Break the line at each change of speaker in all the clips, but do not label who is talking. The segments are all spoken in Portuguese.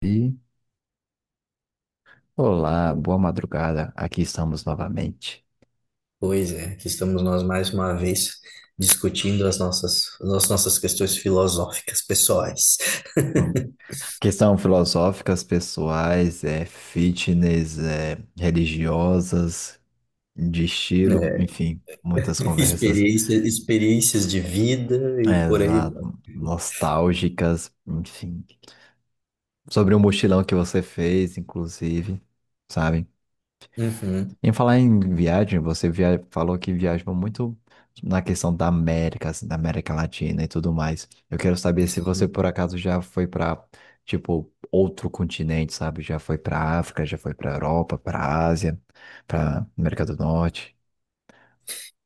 E olá, boa madrugada. Aqui estamos novamente.
Pois é, aqui estamos nós mais uma vez discutindo as nossas questões filosóficas pessoais.
Bom, questão filosóficas, pessoais, é fitness, é religiosas, de estilo,
É,
enfim, muitas conversas,
experiências de vida e
é,
por aí
exato,
vai.
nostálgicas, enfim, sobre o mochilão que você fez, inclusive, sabe?
Uhum.
Em falar em viagem, falou que viaja muito na questão da América, assim, da América Latina e tudo mais. Eu quero saber se você por acaso já foi para, tipo, outro continente, sabe? Já foi para África, já foi para Europa, para Ásia, para América do Norte.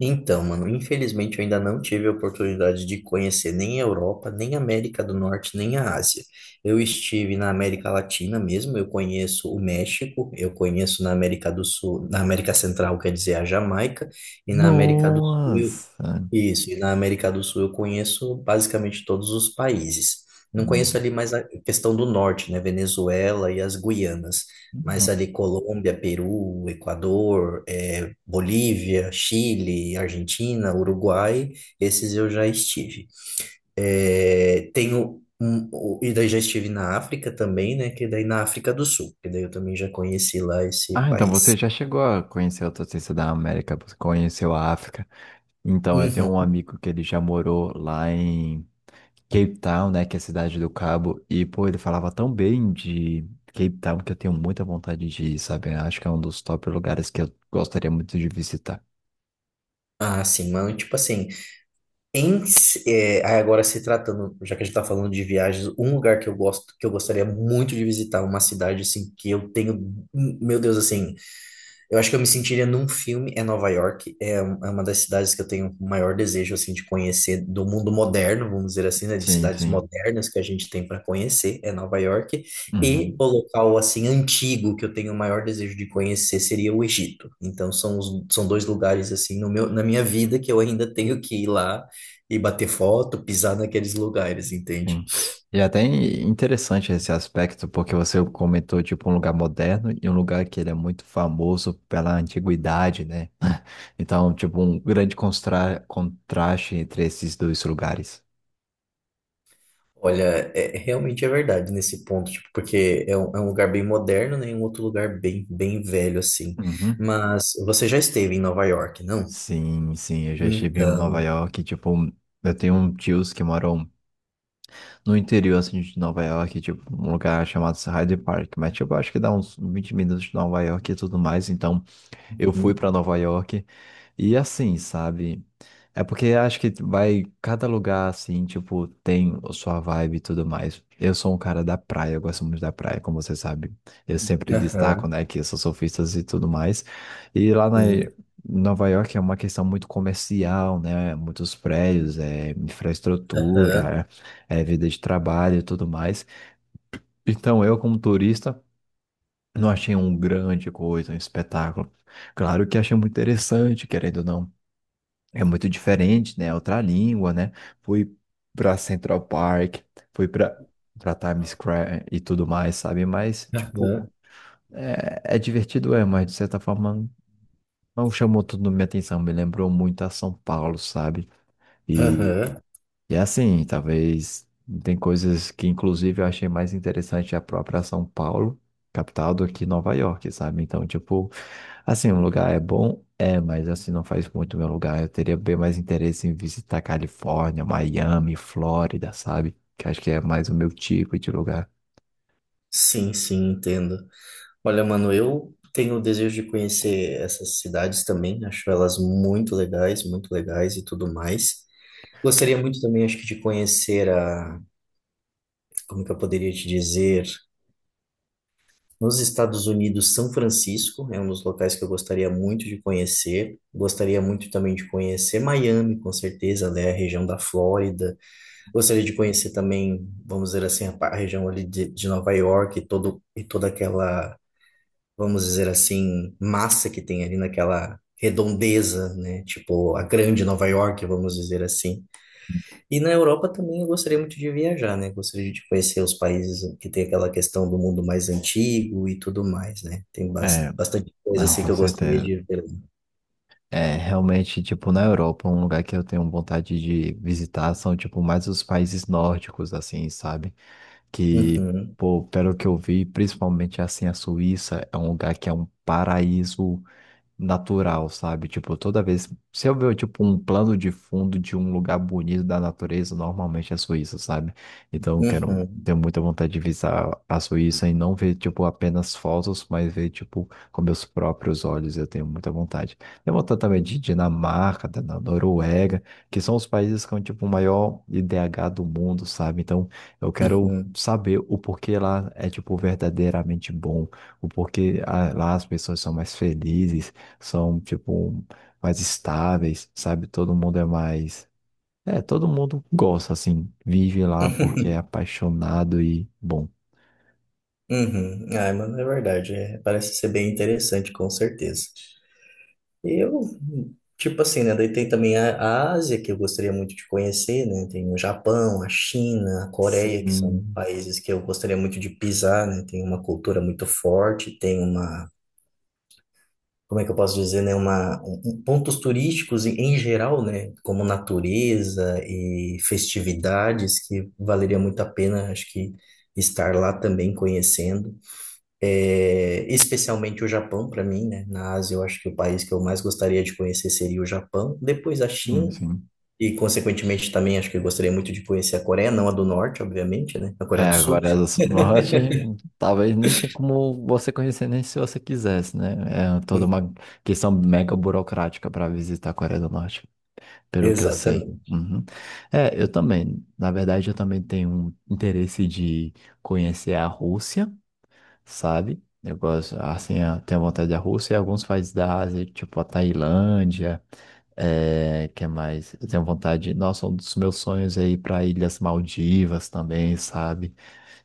Então, mano, infelizmente eu ainda não tive a oportunidade de conhecer nem a Europa, nem a América do Norte, nem a Ásia. Eu estive na América Latina mesmo, eu conheço o México, eu conheço na América do Sul, na América Central, quer dizer, a Jamaica, e na América do Sul.
Nossa!
Isso, e na América do Sul eu conheço basicamente todos os países. Não conheço
Uhum.
ali mais a questão do norte, né? Venezuela e as Guianas, mas ali Colômbia, Peru, Equador, Bolívia, Chile, Argentina, Uruguai, esses eu já estive. E daí já estive na África também, né? Que daí na África do Sul, que daí eu também já conheci lá esse
Ah, então
país.
você já chegou a conhecer outra ciência da América, você conheceu a África. Então, eu tenho um
Uhum.
amigo que ele já morou lá em Cape Town, né, que é a cidade do Cabo, e pô, ele falava tão bem de Cape Town que eu tenho muita vontade de ir, sabe? Eu acho que é um dos top lugares que eu gostaria muito de visitar.
Ah, sim, mano, tipo assim. Agora se tratando, já que a gente está falando de viagens, um lugar que eu gosto, que eu gostaria muito de visitar, uma cidade assim que eu tenho, meu Deus, assim, eu acho que eu me sentiria num filme, é Nova York, é uma das cidades que eu tenho o maior desejo, assim, de conhecer do mundo moderno, vamos dizer assim, né, de
Sim,
cidades
sim.
modernas que a gente tem para conhecer, é Nova York, e
Uhum,
o local, assim, antigo que eu tenho o maior desejo de conhecer seria o Egito. Então, são dois lugares, assim, no meu, na minha vida que eu ainda tenho que ir lá e bater foto, pisar naqueles lugares, entende?
sim. E até interessante esse aspecto, porque você comentou, tipo, um lugar moderno e um lugar que ele é muito famoso pela antiguidade, né? Então, tipo, um grande contraste entre esses dois lugares.
Olha, é, realmente é verdade nesse ponto, tipo, porque é um lugar bem moderno, né, e um outro lugar bem, bem velho, assim.
Uhum.
Mas você já esteve em Nova York, não?
Sim, sim, eu já estive em Nova
Então,
York, tipo, eu tenho um tios que moram no interior, assim, de Nova York, tipo, um lugar chamado Hyde Park, mas, tipo, acho que dá uns 20 minutos de Nova York e tudo mais, então eu fui
hum,
para Nova York e assim, sabe? É porque acho que vai cada lugar assim, tipo, tem a sua vibe e tudo mais. Eu sou um cara da praia, eu gosto muito da praia, como você sabe. Eu sempre destaco,
aham,
né, que eu sou surfista e tudo mais. E lá na
sim,
Nova York é uma questão muito comercial, né? Muitos prédios, é
aham,
infraestrutura, é vida de trabalho e tudo mais. Então, eu como turista não achei um grande coisa, um espetáculo. Claro que achei muito interessante, querendo ou não. É muito diferente, né? É outra língua, né? Fui para Central Park, fui para Times Square e tudo mais, sabe? Mas, tipo,
aham,
é, é divertido, é, mas de certa forma não chamou tudo minha atenção. Me lembrou muito a São Paulo, sabe? E,
aham.
e assim, talvez tem coisas que, inclusive, eu achei mais interessante a própria São Paulo, capital, do que Nova York, sabe? Então, tipo. Assim, um lugar é bom, é, mas assim não faz muito meu lugar. Eu teria bem mais interesse em visitar Califórnia, Miami, Flórida, sabe? Que acho que é mais o meu tipo de lugar.
Sim, sim, entendo. Olha, mano, eu tenho o desejo de conhecer essas cidades também, acho elas muito legais e tudo mais. Gostaria muito também, acho que, de conhecer a, como que eu poderia te dizer? Nos Estados Unidos, São Francisco é um dos locais que eu gostaria muito de conhecer. Gostaria muito também de conhecer Miami, com certeza, né? A região da Flórida. Gostaria de conhecer também, vamos dizer assim, a região ali de Nova York e toda aquela, vamos dizer assim, massa que tem ali naquela redondeza, né? Tipo, a grande Nova York, vamos dizer assim. E na Europa também eu gostaria muito de viajar, né? Gostaria de conhecer os países que tem aquela questão do mundo mais antigo e tudo mais, né? Tem
É,
bastante coisa
não,
assim que
com
eu gostaria
certeza.
de ver.
É, realmente, tipo, na Europa, um lugar que eu tenho vontade de visitar são, tipo, mais os países nórdicos, assim, sabe? Que,
Uhum,
pô, pelo que eu vi, principalmente, assim, a Suíça é um lugar que é um paraíso natural, sabe? Tipo, toda vez. Se eu ver, tipo, um plano de fundo de um lugar bonito da natureza, normalmente é a Suíça, sabe? Então, eu quero.
uhum,
Tenho muita vontade de visitar a Suíça e não ver, tipo, apenas fotos, mas ver, tipo, com meus próprios olhos. Eu tenho muita vontade. Tenho vontade também de Dinamarca, da Noruega, que são os países com, tipo, o maior IDH do mundo, sabe? Então, eu quero
uhum,
saber o porquê lá é, tipo, verdadeiramente bom o porquê lá as pessoas são mais felizes, são, tipo, mais estáveis, sabe? Todo mundo é mais. É, todo mundo gosta, assim, vive lá porque é apaixonado e bom.
uhum. Ah, mano, é verdade. É, parece ser bem interessante, com certeza. E Eu, tipo assim, né? Daí tem também a Ásia, que eu gostaria muito de conhecer, né? Tem o Japão, a China, a Coreia, que são
Sim,
países que eu gostaria muito de pisar, né? Tem uma cultura muito forte, tem uma, como é que eu posso dizer, né, pontos turísticos em geral, né, como natureza e festividades que valeria muito a pena, acho que estar lá também conhecendo. É, especialmente o Japão para mim, né, na Ásia eu acho que o país que eu mais gostaria de conhecer seria o Japão, depois a
sim,
China,
sim.
e consequentemente também acho que eu gostaria muito de conhecer a Coreia, não a do Norte, obviamente, né, a Coreia
É,
do Sul.
agora as Norte, talvez nem tem como você conhecer nem se você quisesse, né? É toda uma questão mega burocrática para visitar a Coreia do Norte, pelo que eu sei.
Exatamente.
Uhum. É, eu também. Na verdade, eu também tenho um interesse de conhecer a Rússia, sabe? Eu gosto, assim, eu tenho vontade da Rússia e alguns países da Ásia, tipo a Tailândia, é, que é mais? Eu tenho vontade, nossa, um dos meus sonhos é ir para Ilhas Maldivas também, sabe?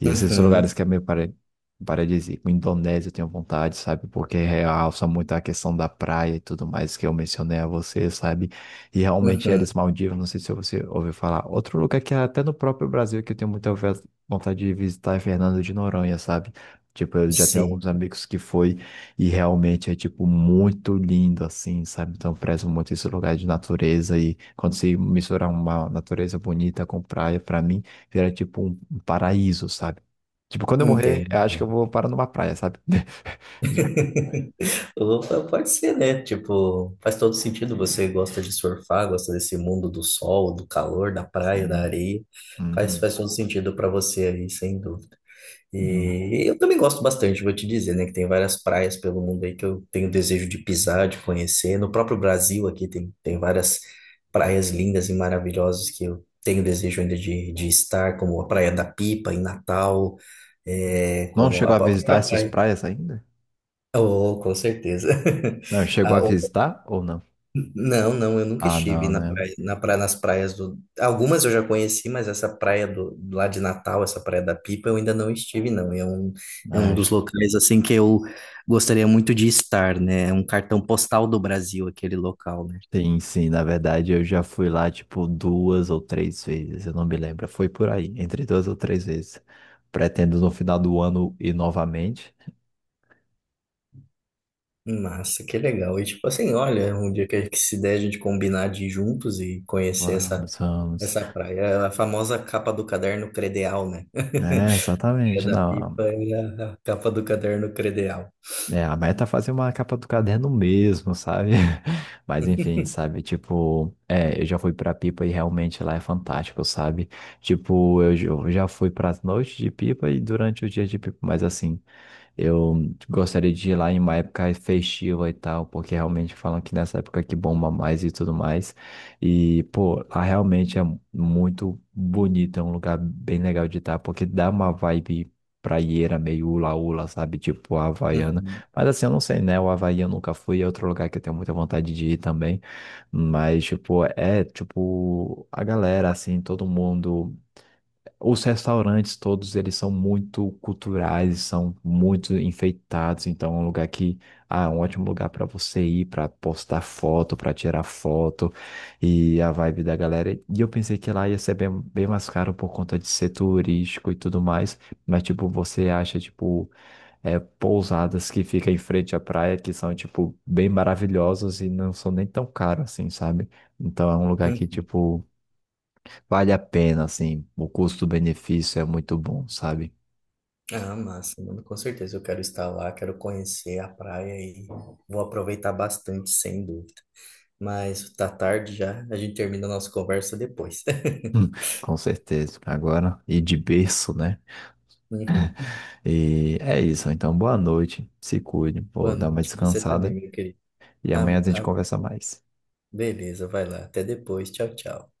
E esses lugares
Uhum,
que é meio paradisíaco. Indonésia eu tenho vontade, sabe? Porque realça muito a questão da praia e tudo mais que eu mencionei a você, sabe? E realmente eles
uhum,
Maldivas, não sei se você ouviu falar. Outro lugar que é até no próprio Brasil que eu tenho muita vontade de visitar é Fernando de Noronha, sabe? Tipo, eu já tenho
sim.
alguns amigos que foi e realmente é, tipo, muito lindo, assim, sabe? Então, eu prezo muito esse lugar de natureza e quando se misturar uma natureza bonita com praia, pra mim, vira, tipo, um paraíso, sabe? Tipo, quando eu morrer,
Entendo.
eu acho que eu vou parar numa praia, sabe? De-
Opa, pode ser, né? Tipo, faz todo sentido. Você gosta de surfar, gosta desse mundo do sol, do calor, da praia,
Sim.
da areia. Faz,
Uhum,
faz todo sentido para você aí, sem dúvida.
uhum.
E eu também gosto bastante, vou te dizer, né? Que tem várias praias pelo mundo aí que eu tenho desejo de pisar, de conhecer. No próprio Brasil aqui tem várias praias lindas e maravilhosas que eu tenho desejo ainda de estar, como a Praia da Pipa, em Natal, é,
Não
como a
chegou a visitar
própria
essas
praia.
praias ainda?
Oh, com certeza.
Não, chegou
Ah,
a
oh,
visitar ou não?
não, não, eu nunca
Ah,
estive
não, né?
na praia, nas praias do. Algumas eu já conheci, mas lá de Natal, essa praia da Pipa, eu ainda não estive, não. É um
Ah,
dos locais assim que eu gostaria muito de estar, né? É um cartão postal do Brasil, aquele local, né?
sim, sim, na verdade eu já fui lá tipo duas ou três vezes, eu não me lembro. Foi por aí, entre duas ou três vezes. Pretendo no final do ano ir novamente.
Massa, que legal. E tipo assim, olha, um dia que se der a gente combinar de ir juntos e conhecer
Vamos, vamos.
essa praia. É a famosa capa do caderno credeal, né?
É,
É
exatamente,
da
não.
pipa e a capa do caderno credencial.
É, a meta é fazer uma capa do caderno mesmo, sabe? Mas enfim, sabe? Tipo, é, eu já fui pra Pipa e realmente lá é fantástico, sabe? Tipo, eu já fui pras noites de Pipa e durante o dia de Pipa, mas assim, eu gostaria de ir lá em uma época festiva e tal, porque realmente falam que nessa época que bomba mais e tudo mais. E, pô, lá realmente é muito bonito, é um lugar bem legal de estar, porque dá uma vibe praieira meio hula-hula, sabe? Tipo, a Havaiana.
Uhum,
Mas assim, eu não sei, né? O Havaí eu nunca fui, é outro lugar que eu tenho muita vontade de ir também. Mas, tipo, é, tipo, a galera, assim, todo mundo. Os restaurantes todos, eles são muito culturais, são muito enfeitados. Então, é um lugar que, ah, é um ótimo lugar para você ir, para postar foto, para tirar foto. E a vibe da galera. E eu pensei que lá ia ser bem, bem mais caro por conta de ser turístico e tudo mais. Mas, tipo, você acha, tipo é, pousadas que ficam em frente à praia, que são, tipo, bem maravilhosas e não são nem tão caros assim, sabe? Então é um lugar que,
uhum.
tipo, vale a pena, assim, o custo-benefício é muito bom, sabe?
Ah, massa, mano, com certeza eu quero estar lá, quero conhecer a praia e vou aproveitar bastante, sem dúvida. Mas tá tarde já, a gente termina a nossa conversa depois.
Hum, com certeza. Agora, e de berço, né?
Uhum.
E é isso. Então, boa noite. Se cuide. Vou
Boa
dar uma
noite, você também,
descansada.
meu querido.
E amanhã
Ah,
a gente
ah,
conversa mais.
beleza, vai lá, até depois, tchau, tchau.